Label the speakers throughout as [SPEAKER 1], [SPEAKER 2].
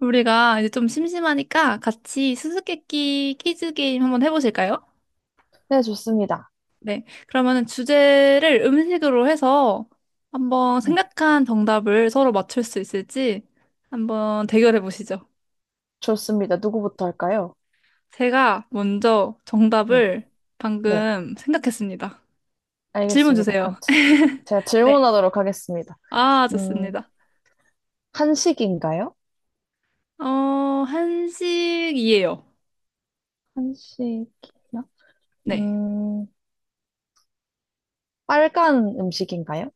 [SPEAKER 1] 우리가 이제 좀 심심하니까 같이 수수께끼 퀴즈 게임 한번 해보실까요?
[SPEAKER 2] 네, 좋습니다.
[SPEAKER 1] 네, 그러면은 주제를 음식으로 해서 한번
[SPEAKER 2] 네,
[SPEAKER 1] 생각한 정답을 서로 맞출 수 있을지 한번 대결해 보시죠.
[SPEAKER 2] 좋습니다. 누구부터 할까요?
[SPEAKER 1] 제가 먼저
[SPEAKER 2] 네,
[SPEAKER 1] 정답을
[SPEAKER 2] 네,
[SPEAKER 1] 방금 생각했습니다. 질문
[SPEAKER 2] 알겠습니다. 그럼
[SPEAKER 1] 주세요.
[SPEAKER 2] 지- 제가
[SPEAKER 1] 네.
[SPEAKER 2] 질문하도록 하겠습니다.
[SPEAKER 1] 아,
[SPEAKER 2] 음,
[SPEAKER 1] 좋습니다.
[SPEAKER 2] 한식인가요?
[SPEAKER 1] 어, 한식이에요.
[SPEAKER 2] 한식이요?
[SPEAKER 1] 네.
[SPEAKER 2] 음, 빨간 음식인가요?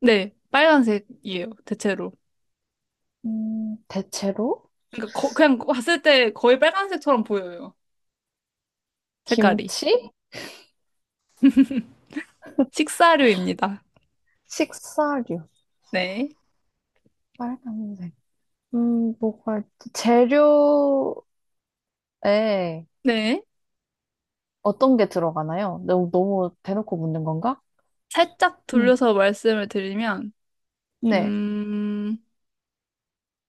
[SPEAKER 1] 네. 빨간색이에요. 대체로.
[SPEAKER 2] 대체로
[SPEAKER 1] 그러니까 그냥 봤을 때 거의 빨간색처럼 보여요. 색깔이.
[SPEAKER 2] 김치?
[SPEAKER 1] 식사류입니다.
[SPEAKER 2] 식사류,
[SPEAKER 1] 네.
[SPEAKER 2] 빨간색. 뭐가 있지? 재료에
[SPEAKER 1] 네.
[SPEAKER 2] 어떤 게 들어가나요? 너무, 너무 대놓고 묻는 건가?
[SPEAKER 1] 살짝
[SPEAKER 2] 음,
[SPEAKER 1] 돌려서 말씀을 드리면,
[SPEAKER 2] 네.
[SPEAKER 1] 음,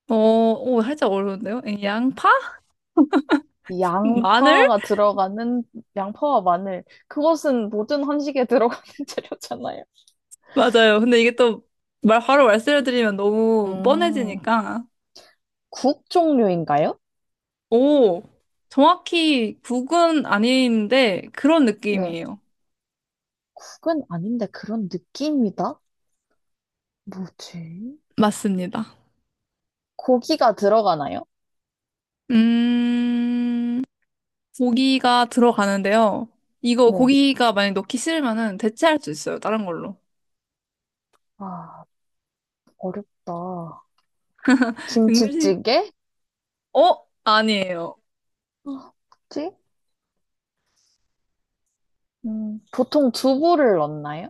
[SPEAKER 1] 오, 살짝 어려운데요? 예, 양파? 마늘?
[SPEAKER 2] 양파가 들어가는 양파와 마늘 그것은 모든 한식에 들어가는 재료잖아요.
[SPEAKER 1] 맞아요. 근데 이게 또 바로 말씀을 드리면 너무
[SPEAKER 2] 음,
[SPEAKER 1] 뻔해지니까.
[SPEAKER 2] 국 종류인가요?
[SPEAKER 1] 오, 정확히 국은 아닌데 그런
[SPEAKER 2] 네,
[SPEAKER 1] 느낌이에요.
[SPEAKER 2] 국은 아닌데 그런 느낌이다. 뭐지?
[SPEAKER 1] 맞습니다.
[SPEAKER 2] 고기가 들어가나요?
[SPEAKER 1] 음, 고기가 들어가는데요. 이거
[SPEAKER 2] 네.
[SPEAKER 1] 고기가 만약 넣기 싫으면은 대체할 수 있어요, 다른 걸로.
[SPEAKER 2] 아, 어렵다.
[SPEAKER 1] 음식,
[SPEAKER 2] 김치찌개?
[SPEAKER 1] 어? 아니에요.
[SPEAKER 2] 아, 뭐지? 보통 두부를 넣나요?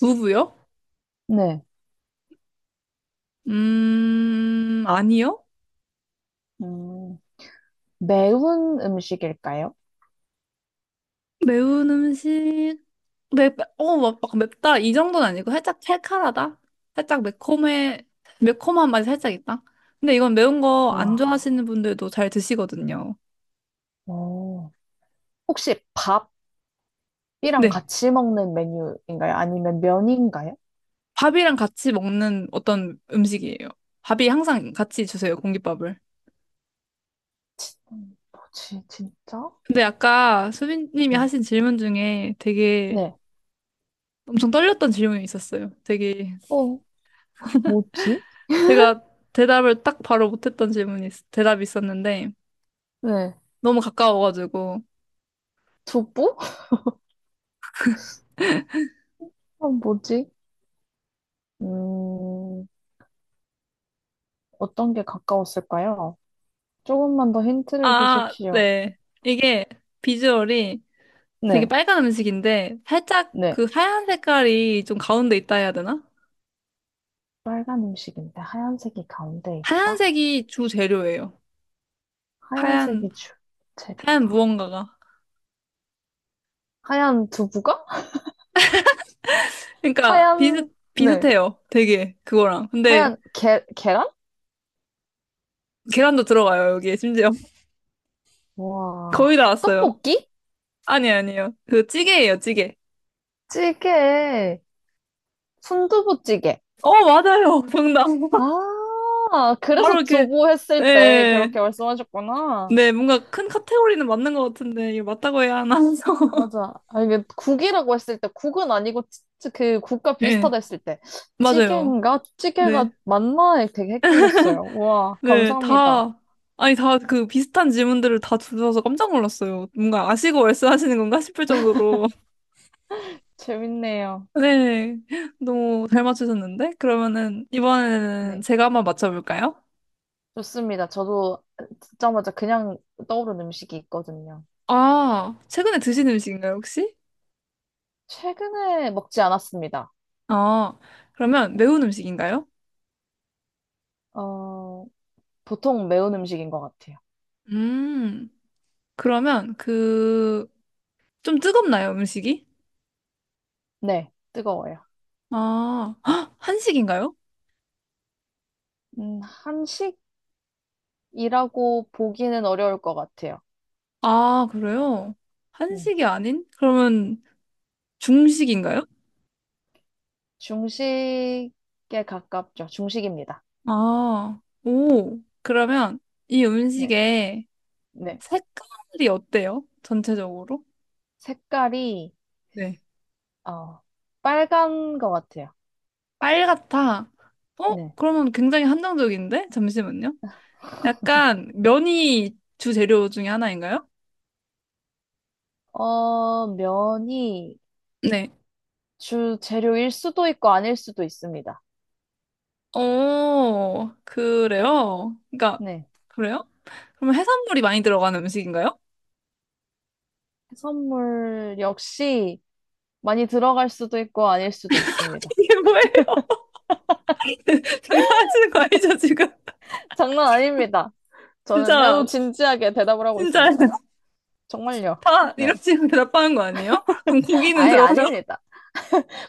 [SPEAKER 1] 부부요?
[SPEAKER 2] 네.
[SPEAKER 1] 아니요.
[SPEAKER 2] 음, 매운 음식일까요?
[SPEAKER 1] 매운 음식, 막 맵다 이 정도는 아니고 살짝 칼칼하다. 살짝 매콤해, 매콤한 맛이 살짝 있다. 근데 이건 매운 거 안
[SPEAKER 2] 와,
[SPEAKER 1] 좋아하시는 분들도 잘 드시거든요.
[SPEAKER 2] 오. 혹시 밥 이랑
[SPEAKER 1] 네.
[SPEAKER 2] 같이 먹는 메뉴인가요? 아니면 면인가요?
[SPEAKER 1] 밥이랑 같이 먹는 어떤 음식이에요. 밥이 항상 같이 주세요, 공깃밥을.
[SPEAKER 2] 뭐지, 진짜?
[SPEAKER 1] 근데 아까 수빈님이
[SPEAKER 2] 네.
[SPEAKER 1] 하신 질문 중에 되게
[SPEAKER 2] 네.
[SPEAKER 1] 엄청 떨렸던 질문이 있었어요. 되게
[SPEAKER 2] 어, 뭐지?
[SPEAKER 1] 제가 대답을 딱 바로 못했던 대답이 있었는데,
[SPEAKER 2] 네.
[SPEAKER 1] 너무 가까워가지고.
[SPEAKER 2] 두부? 뭐지? 음, 어떤 게 가까웠을까요? 조금만 더 힌트를
[SPEAKER 1] 아,
[SPEAKER 2] 주십시오.
[SPEAKER 1] 네. 이게 비주얼이 되게
[SPEAKER 2] 네.
[SPEAKER 1] 빨간 음식인데, 살짝
[SPEAKER 2] 네.
[SPEAKER 1] 그 하얀 색깔이 좀 가운데 있다 해야 되나?
[SPEAKER 2] 빨간 음식인데 하얀색이 가운데 있다?
[SPEAKER 1] 하얀색이 주 재료예요. 하얀,
[SPEAKER 2] 하얀색이
[SPEAKER 1] 하얀
[SPEAKER 2] 주재료다.
[SPEAKER 1] 무언가가.
[SPEAKER 2] 하얀 두부가?
[SPEAKER 1] 그러니까
[SPEAKER 2] 하얀, 네.
[SPEAKER 1] 비슷해요, 되게, 그거랑. 근데
[SPEAKER 2] 하얀 계란?
[SPEAKER 1] 계란도 들어가요, 여기에 심지어.
[SPEAKER 2] 와.
[SPEAKER 1] 거의 다 왔어요.
[SPEAKER 2] 떡볶이?
[SPEAKER 1] 아니, 아니에요. 그 찌개예요, 찌개.
[SPEAKER 2] 찌개. 순두부찌개.
[SPEAKER 1] 어, 맞아요. 정답.
[SPEAKER 2] 아,
[SPEAKER 1] 바로
[SPEAKER 2] 그래서
[SPEAKER 1] 이렇게.
[SPEAKER 2] 두부 했을 때
[SPEAKER 1] 네.
[SPEAKER 2] 그렇게 말씀하셨구나.
[SPEAKER 1] 네, 뭔가 큰 카테고리는 맞는 것 같은데, 이거 맞다고 해야 하나 해서.
[SPEAKER 2] 맞아. 아, 이게 국이라고 했을 때, 국은 아니고, 그 국과
[SPEAKER 1] 네,
[SPEAKER 2] 비슷하다 했을 때,
[SPEAKER 1] 맞아요.
[SPEAKER 2] 찌개인가?
[SPEAKER 1] 네,
[SPEAKER 2] 찌개가 맞나? 되게 헷갈렸어요. 우와,
[SPEAKER 1] 네,
[SPEAKER 2] 감사합니다.
[SPEAKER 1] 다, 아니, 다 그 비슷한 질문들을 다 주셔서 깜짝 놀랐어요. 뭔가 아시고 말씀하시는 건가 싶을 정도로.
[SPEAKER 2] 재밌네요.
[SPEAKER 1] 네, 너무 잘 맞추셨는데? 그러면은, 이번에는
[SPEAKER 2] 네.
[SPEAKER 1] 제가 한번 맞춰볼까요?
[SPEAKER 2] 좋습니다. 저도 듣자마자 그냥 떠오른 음식이 있거든요.
[SPEAKER 1] 아, 최근에 드신 음식인가요, 혹시?
[SPEAKER 2] 최근에 먹지 않았습니다.
[SPEAKER 1] 아, 그러면 매운 음식인가요?
[SPEAKER 2] 어, 보통 매운 음식인 것 같아요.
[SPEAKER 1] 음, 그러면 좀 뜨겁나요, 음식이?
[SPEAKER 2] 네, 뜨거워요.
[SPEAKER 1] 아, 헉, 한식인가요?
[SPEAKER 2] 한식? 이라고 보기는 어려울 것 같아요.
[SPEAKER 1] 아, 그래요?
[SPEAKER 2] 음,
[SPEAKER 1] 한식이 아닌? 그러면 중식인가요?
[SPEAKER 2] 중식에 가깝죠. 중식입니다.
[SPEAKER 1] 아, 오. 그러면 이
[SPEAKER 2] 네,
[SPEAKER 1] 음식의
[SPEAKER 2] 네.
[SPEAKER 1] 색깔이 어때요? 전체적으로?
[SPEAKER 2] 색깔이,
[SPEAKER 1] 네.
[SPEAKER 2] 어, 빨간 것 같아요.
[SPEAKER 1] 빨갛다. 어?
[SPEAKER 2] 네.
[SPEAKER 1] 그러면 굉장히 한정적인데? 잠시만요. 약간 면이 주재료 중에 하나인가요?
[SPEAKER 2] 어, 면이
[SPEAKER 1] 네.
[SPEAKER 2] 주 재료일 수도 있고 아닐 수도 있습니다.
[SPEAKER 1] 어, 그래요? 그러니까,
[SPEAKER 2] 네.
[SPEAKER 1] 그래요? 그럼 해산물이 많이 들어가는 음식인가요?
[SPEAKER 2] 해산물 역시 많이 들어갈 수도 있고 아닐 수도 있습니다.
[SPEAKER 1] 이게 뭐예요? 장난하시는 거 아니죠, 지금?
[SPEAKER 2] 장난 아닙니다. 저는 매우
[SPEAKER 1] 진짜,
[SPEAKER 2] 진지하게 대답을 하고
[SPEAKER 1] 진짜
[SPEAKER 2] 있습니다. 정말요.
[SPEAKER 1] 다 이런
[SPEAKER 2] 네.
[SPEAKER 1] 식으로 대답하는 거 아니에요? 그럼 고기는
[SPEAKER 2] 아예
[SPEAKER 1] 들어가요?
[SPEAKER 2] 아닙니다.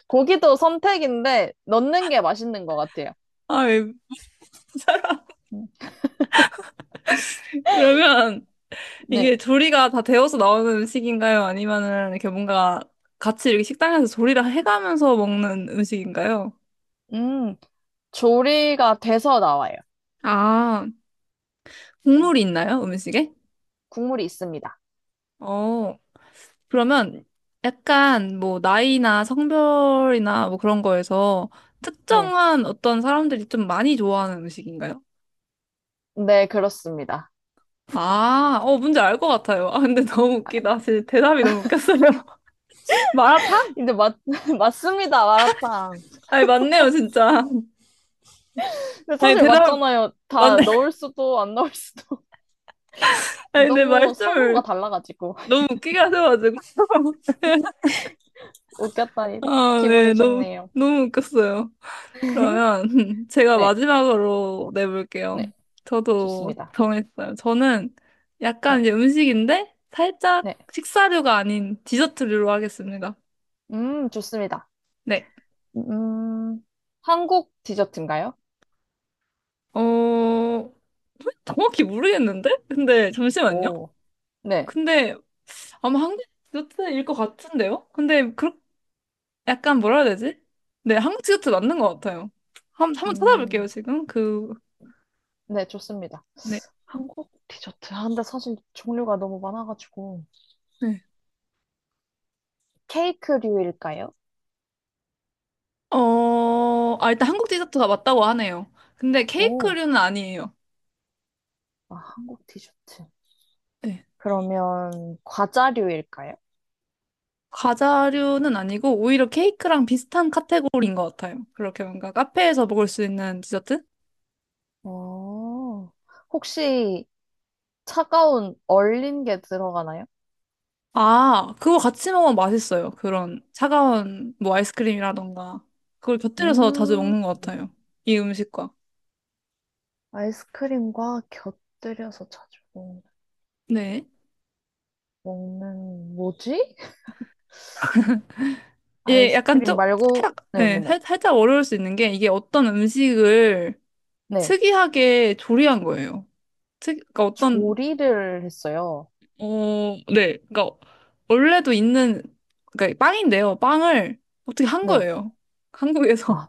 [SPEAKER 2] 고기도 선택인데 넣는 게 맛있는 것 같아요.
[SPEAKER 1] 아, 예.
[SPEAKER 2] 음,
[SPEAKER 1] 그러면
[SPEAKER 2] 네.
[SPEAKER 1] 이게 조리가 다 되어서 나오는 음식인가요? 아니면은 이렇게 뭔가 같이 이렇게 식당에서 조리를 해가면서 먹는 음식인가요?
[SPEAKER 2] 음, 조리가 돼서 나와요.
[SPEAKER 1] 아, 국물이 있나요? 음식에?
[SPEAKER 2] 국물이 있습니다.
[SPEAKER 1] 어, 그러면 약간 뭐 나이나 성별이나 뭐 그런 거에서
[SPEAKER 2] 네.
[SPEAKER 1] 특정한 어떤 사람들이 좀 많이 좋아하는 음식인가요?
[SPEAKER 2] 네, 그렇습니다.
[SPEAKER 1] 아, 어, 뭔지 알 것 같아요. 아, 근데 너무 웃기다. 진짜 대답이 너무 웃겼어요. 마라탕?
[SPEAKER 2] 근데 맞습니다, 마라탕.
[SPEAKER 1] 아니, 맞네요, 진짜.
[SPEAKER 2] 근데
[SPEAKER 1] 아니,
[SPEAKER 2] 사실
[SPEAKER 1] 대답,
[SPEAKER 2] 맞잖아요. 다
[SPEAKER 1] 맞네.
[SPEAKER 2] 넣을 수도 안 넣을 수도.
[SPEAKER 1] 아니, 내
[SPEAKER 2] 너무 선호가
[SPEAKER 1] 말씀을
[SPEAKER 2] 달라가지고.
[SPEAKER 1] 너무 웃기게 하셔가지고.
[SPEAKER 2] 웃겼다니.
[SPEAKER 1] 아,
[SPEAKER 2] 기분이
[SPEAKER 1] 네, 너무,
[SPEAKER 2] 좋네요.
[SPEAKER 1] 너무 웃겼어요. 그러면 제가
[SPEAKER 2] 네,
[SPEAKER 1] 마지막으로 내볼게요.
[SPEAKER 2] 네.
[SPEAKER 1] 저도
[SPEAKER 2] 좋습니다.
[SPEAKER 1] 정했어요. 저는 약간
[SPEAKER 2] 네,
[SPEAKER 1] 이제 음식인데 살짝
[SPEAKER 2] 네.
[SPEAKER 1] 식사류가 아닌 디저트류로 하겠습니다.
[SPEAKER 2] 좋습니다.
[SPEAKER 1] 네.
[SPEAKER 2] 음, 한국 디저트인가요?
[SPEAKER 1] 어, 정확히 모르겠는데? 근데 잠시만요.
[SPEAKER 2] 오, 네.
[SPEAKER 1] 근데 아마 한국 디저트일 것 같은데요? 근데 그 약간 뭐라 해야 되지? 네, 한국 디저트 맞는 것 같아요. 한, 한번 찾아볼게요,
[SPEAKER 2] 음,
[SPEAKER 1] 지금. 그,
[SPEAKER 2] 네, 좋습니다.
[SPEAKER 1] 네.
[SPEAKER 2] 한국 디저트. 아, 근데 사실 종류가 너무 많아가지고.
[SPEAKER 1] 네.
[SPEAKER 2] 케이크류일까요?
[SPEAKER 1] 어, 아, 일단 한국 디저트가 맞다고 하네요. 근데
[SPEAKER 2] 오,
[SPEAKER 1] 케이크류는 아니에요.
[SPEAKER 2] 아, 한국 디저트.
[SPEAKER 1] 네.
[SPEAKER 2] 그러면 과자류일까요?
[SPEAKER 1] 과자류는 아니고 오히려 케이크랑 비슷한 카테고리인 것 같아요. 그렇게 뭔가 카페에서 먹을 수 있는 디저트?
[SPEAKER 2] 어, 혹시 차가운 얼린 게 들어가나요?
[SPEAKER 1] 아, 그거 같이 먹으면 맛있어요. 그런 차가운 뭐 아이스크림이라던가. 그걸 곁들여서 자주
[SPEAKER 2] 음,
[SPEAKER 1] 먹는 것 같아요, 이 음식과.
[SPEAKER 2] 아이스크림과 곁들여서 자주 먹-
[SPEAKER 1] 네.
[SPEAKER 2] 먹는, 뭐지?
[SPEAKER 1] 예, 약간
[SPEAKER 2] 아이스크림
[SPEAKER 1] 좀,
[SPEAKER 2] 말고, 네네네. 네.
[SPEAKER 1] 살짝 어려울 수 있는 게 이게 어떤 음식을
[SPEAKER 2] 네. 네.
[SPEAKER 1] 특이하게 조리한 거예요. 그러니까 어떤,
[SPEAKER 2] 조리를 했어요.
[SPEAKER 1] 어, 네. 그러니까 원래도 있는, 그러니까 빵인데요. 빵을 어떻게 한
[SPEAKER 2] 네.
[SPEAKER 1] 거예요, 한국에서.
[SPEAKER 2] 아,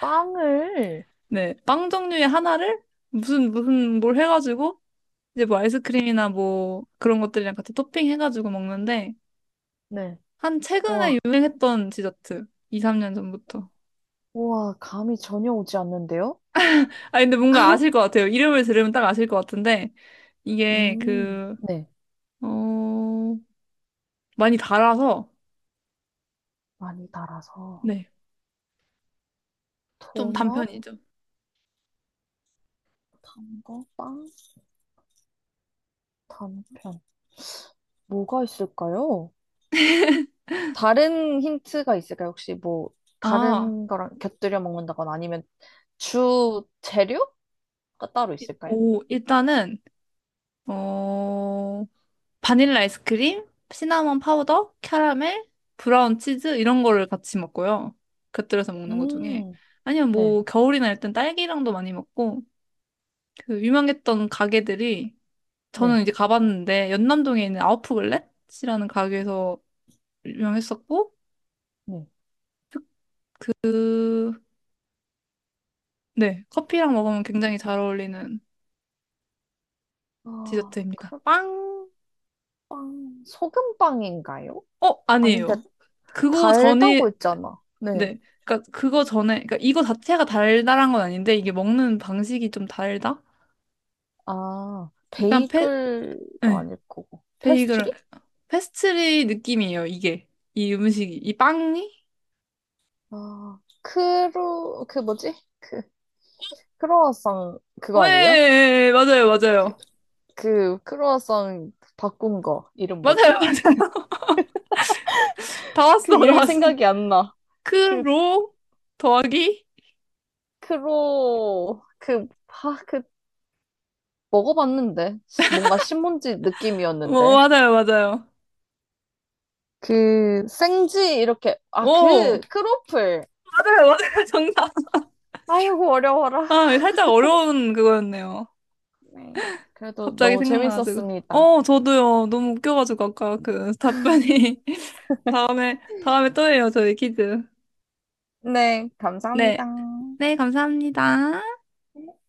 [SPEAKER 2] 빵을
[SPEAKER 1] 네. 빵 종류의 하나를 무슨 뭘 해가지고 이제 뭐 아이스크림이나 뭐 그런 것들이랑 같이 토핑해가지고 먹는데
[SPEAKER 2] 네.
[SPEAKER 1] 한 최근에
[SPEAKER 2] 우와,
[SPEAKER 1] 유행했던 디저트 2, 3년 전부터.
[SPEAKER 2] 우와, 감이 전혀 오지 않는데요?
[SPEAKER 1] 아 근데 뭔가 아실 것 같아요. 이름을 들으면 딱 아실 것 같은데 이게 그,
[SPEAKER 2] 네.
[SPEAKER 1] 어, 많이 달아서
[SPEAKER 2] 많이 달아서.
[SPEAKER 1] 네, 좀
[SPEAKER 2] 도넛,
[SPEAKER 1] 단편이죠.
[SPEAKER 2] 단 거? 빵, 단편. 뭐가 있을까요? 다른 힌트가 있을까요? 혹시 뭐
[SPEAKER 1] 아,
[SPEAKER 2] 다른 거랑 곁들여 먹는다거나 아니면 주 재료가 따로 있을까요?
[SPEAKER 1] 오, 일단은 어, 바닐라 아이스크림, 시나몬 파우더, 캐러멜, 브라운 치즈 이런 거를 같이 먹고요, 곁들여서 먹는 것 중에.
[SPEAKER 2] 음,
[SPEAKER 1] 아니면
[SPEAKER 2] 네,
[SPEAKER 1] 뭐 겨울이나 일단 딸기랑도 많이 먹고 그 유명했던 가게들이 저는
[SPEAKER 2] 네,
[SPEAKER 1] 이제 가봤는데 연남동에 있는 아웃프글렛이라는 가게에서 유명했었고
[SPEAKER 2] 네.
[SPEAKER 1] 그 네, 커피랑 먹으면 굉장히 잘 어울리는
[SPEAKER 2] 아,
[SPEAKER 1] 디저트입니다.
[SPEAKER 2] 그
[SPEAKER 1] 빵!
[SPEAKER 2] 빵, 소금빵인가요?
[SPEAKER 1] 어,
[SPEAKER 2] 아닌데,
[SPEAKER 1] 아니에요. 그거 전이
[SPEAKER 2] 달다고 했잖아. 네.
[SPEAKER 1] 네. 그러니까 그거 전에, 그러니까 이거 자체가 달달한 건 아닌데 이게 먹는 방식이 좀 달다?
[SPEAKER 2] 아,
[SPEAKER 1] 약간 페,
[SPEAKER 2] 베이글도
[SPEAKER 1] 네.
[SPEAKER 2] 아닐 거고. 페스트
[SPEAKER 1] 베이글,
[SPEAKER 2] 리
[SPEAKER 1] 페스트리 느낌이에요. 이게 이 음식이 이 빵이?
[SPEAKER 2] 아, 그 뭐지? 그, 크로와상, 그거 아니에요?
[SPEAKER 1] 왜 맞아요,
[SPEAKER 2] 그,
[SPEAKER 1] 맞아요,
[SPEAKER 2] 그, 크로와상 바꾼 거. 이름
[SPEAKER 1] 맞아요, 맞아요.
[SPEAKER 2] 뭐지?
[SPEAKER 1] 다 왔어,
[SPEAKER 2] 그
[SPEAKER 1] 다
[SPEAKER 2] 이름이
[SPEAKER 1] 왔어.
[SPEAKER 2] 생각이 안 나. 그,
[SPEAKER 1] 크로 더하기?
[SPEAKER 2] 그, 그, 먹어봤는데. 뭔가 신문지
[SPEAKER 1] 오,
[SPEAKER 2] 느낌이었는데.
[SPEAKER 1] 맞아요, 맞아요.
[SPEAKER 2] 그, 생지, 이렇게. 아,
[SPEAKER 1] 오,
[SPEAKER 2] 그, 크로플.
[SPEAKER 1] 맞아요, 맞아요. 정답.
[SPEAKER 2] 아이고, 어려워라.
[SPEAKER 1] 아, 살짝 어려운 그거였네요.
[SPEAKER 2] 네. 그래도
[SPEAKER 1] 갑자기
[SPEAKER 2] 너무
[SPEAKER 1] 생각나가지고.
[SPEAKER 2] 재밌었습니다.
[SPEAKER 1] 어, 저도요. 너무 웃겨가지고 아까 그 답변이. 다음에, 다음에 또 해요, 저희 퀴즈.
[SPEAKER 2] 네,
[SPEAKER 1] 네.
[SPEAKER 2] 감사합니다.
[SPEAKER 1] 네, 감사합니다.
[SPEAKER 2] 네.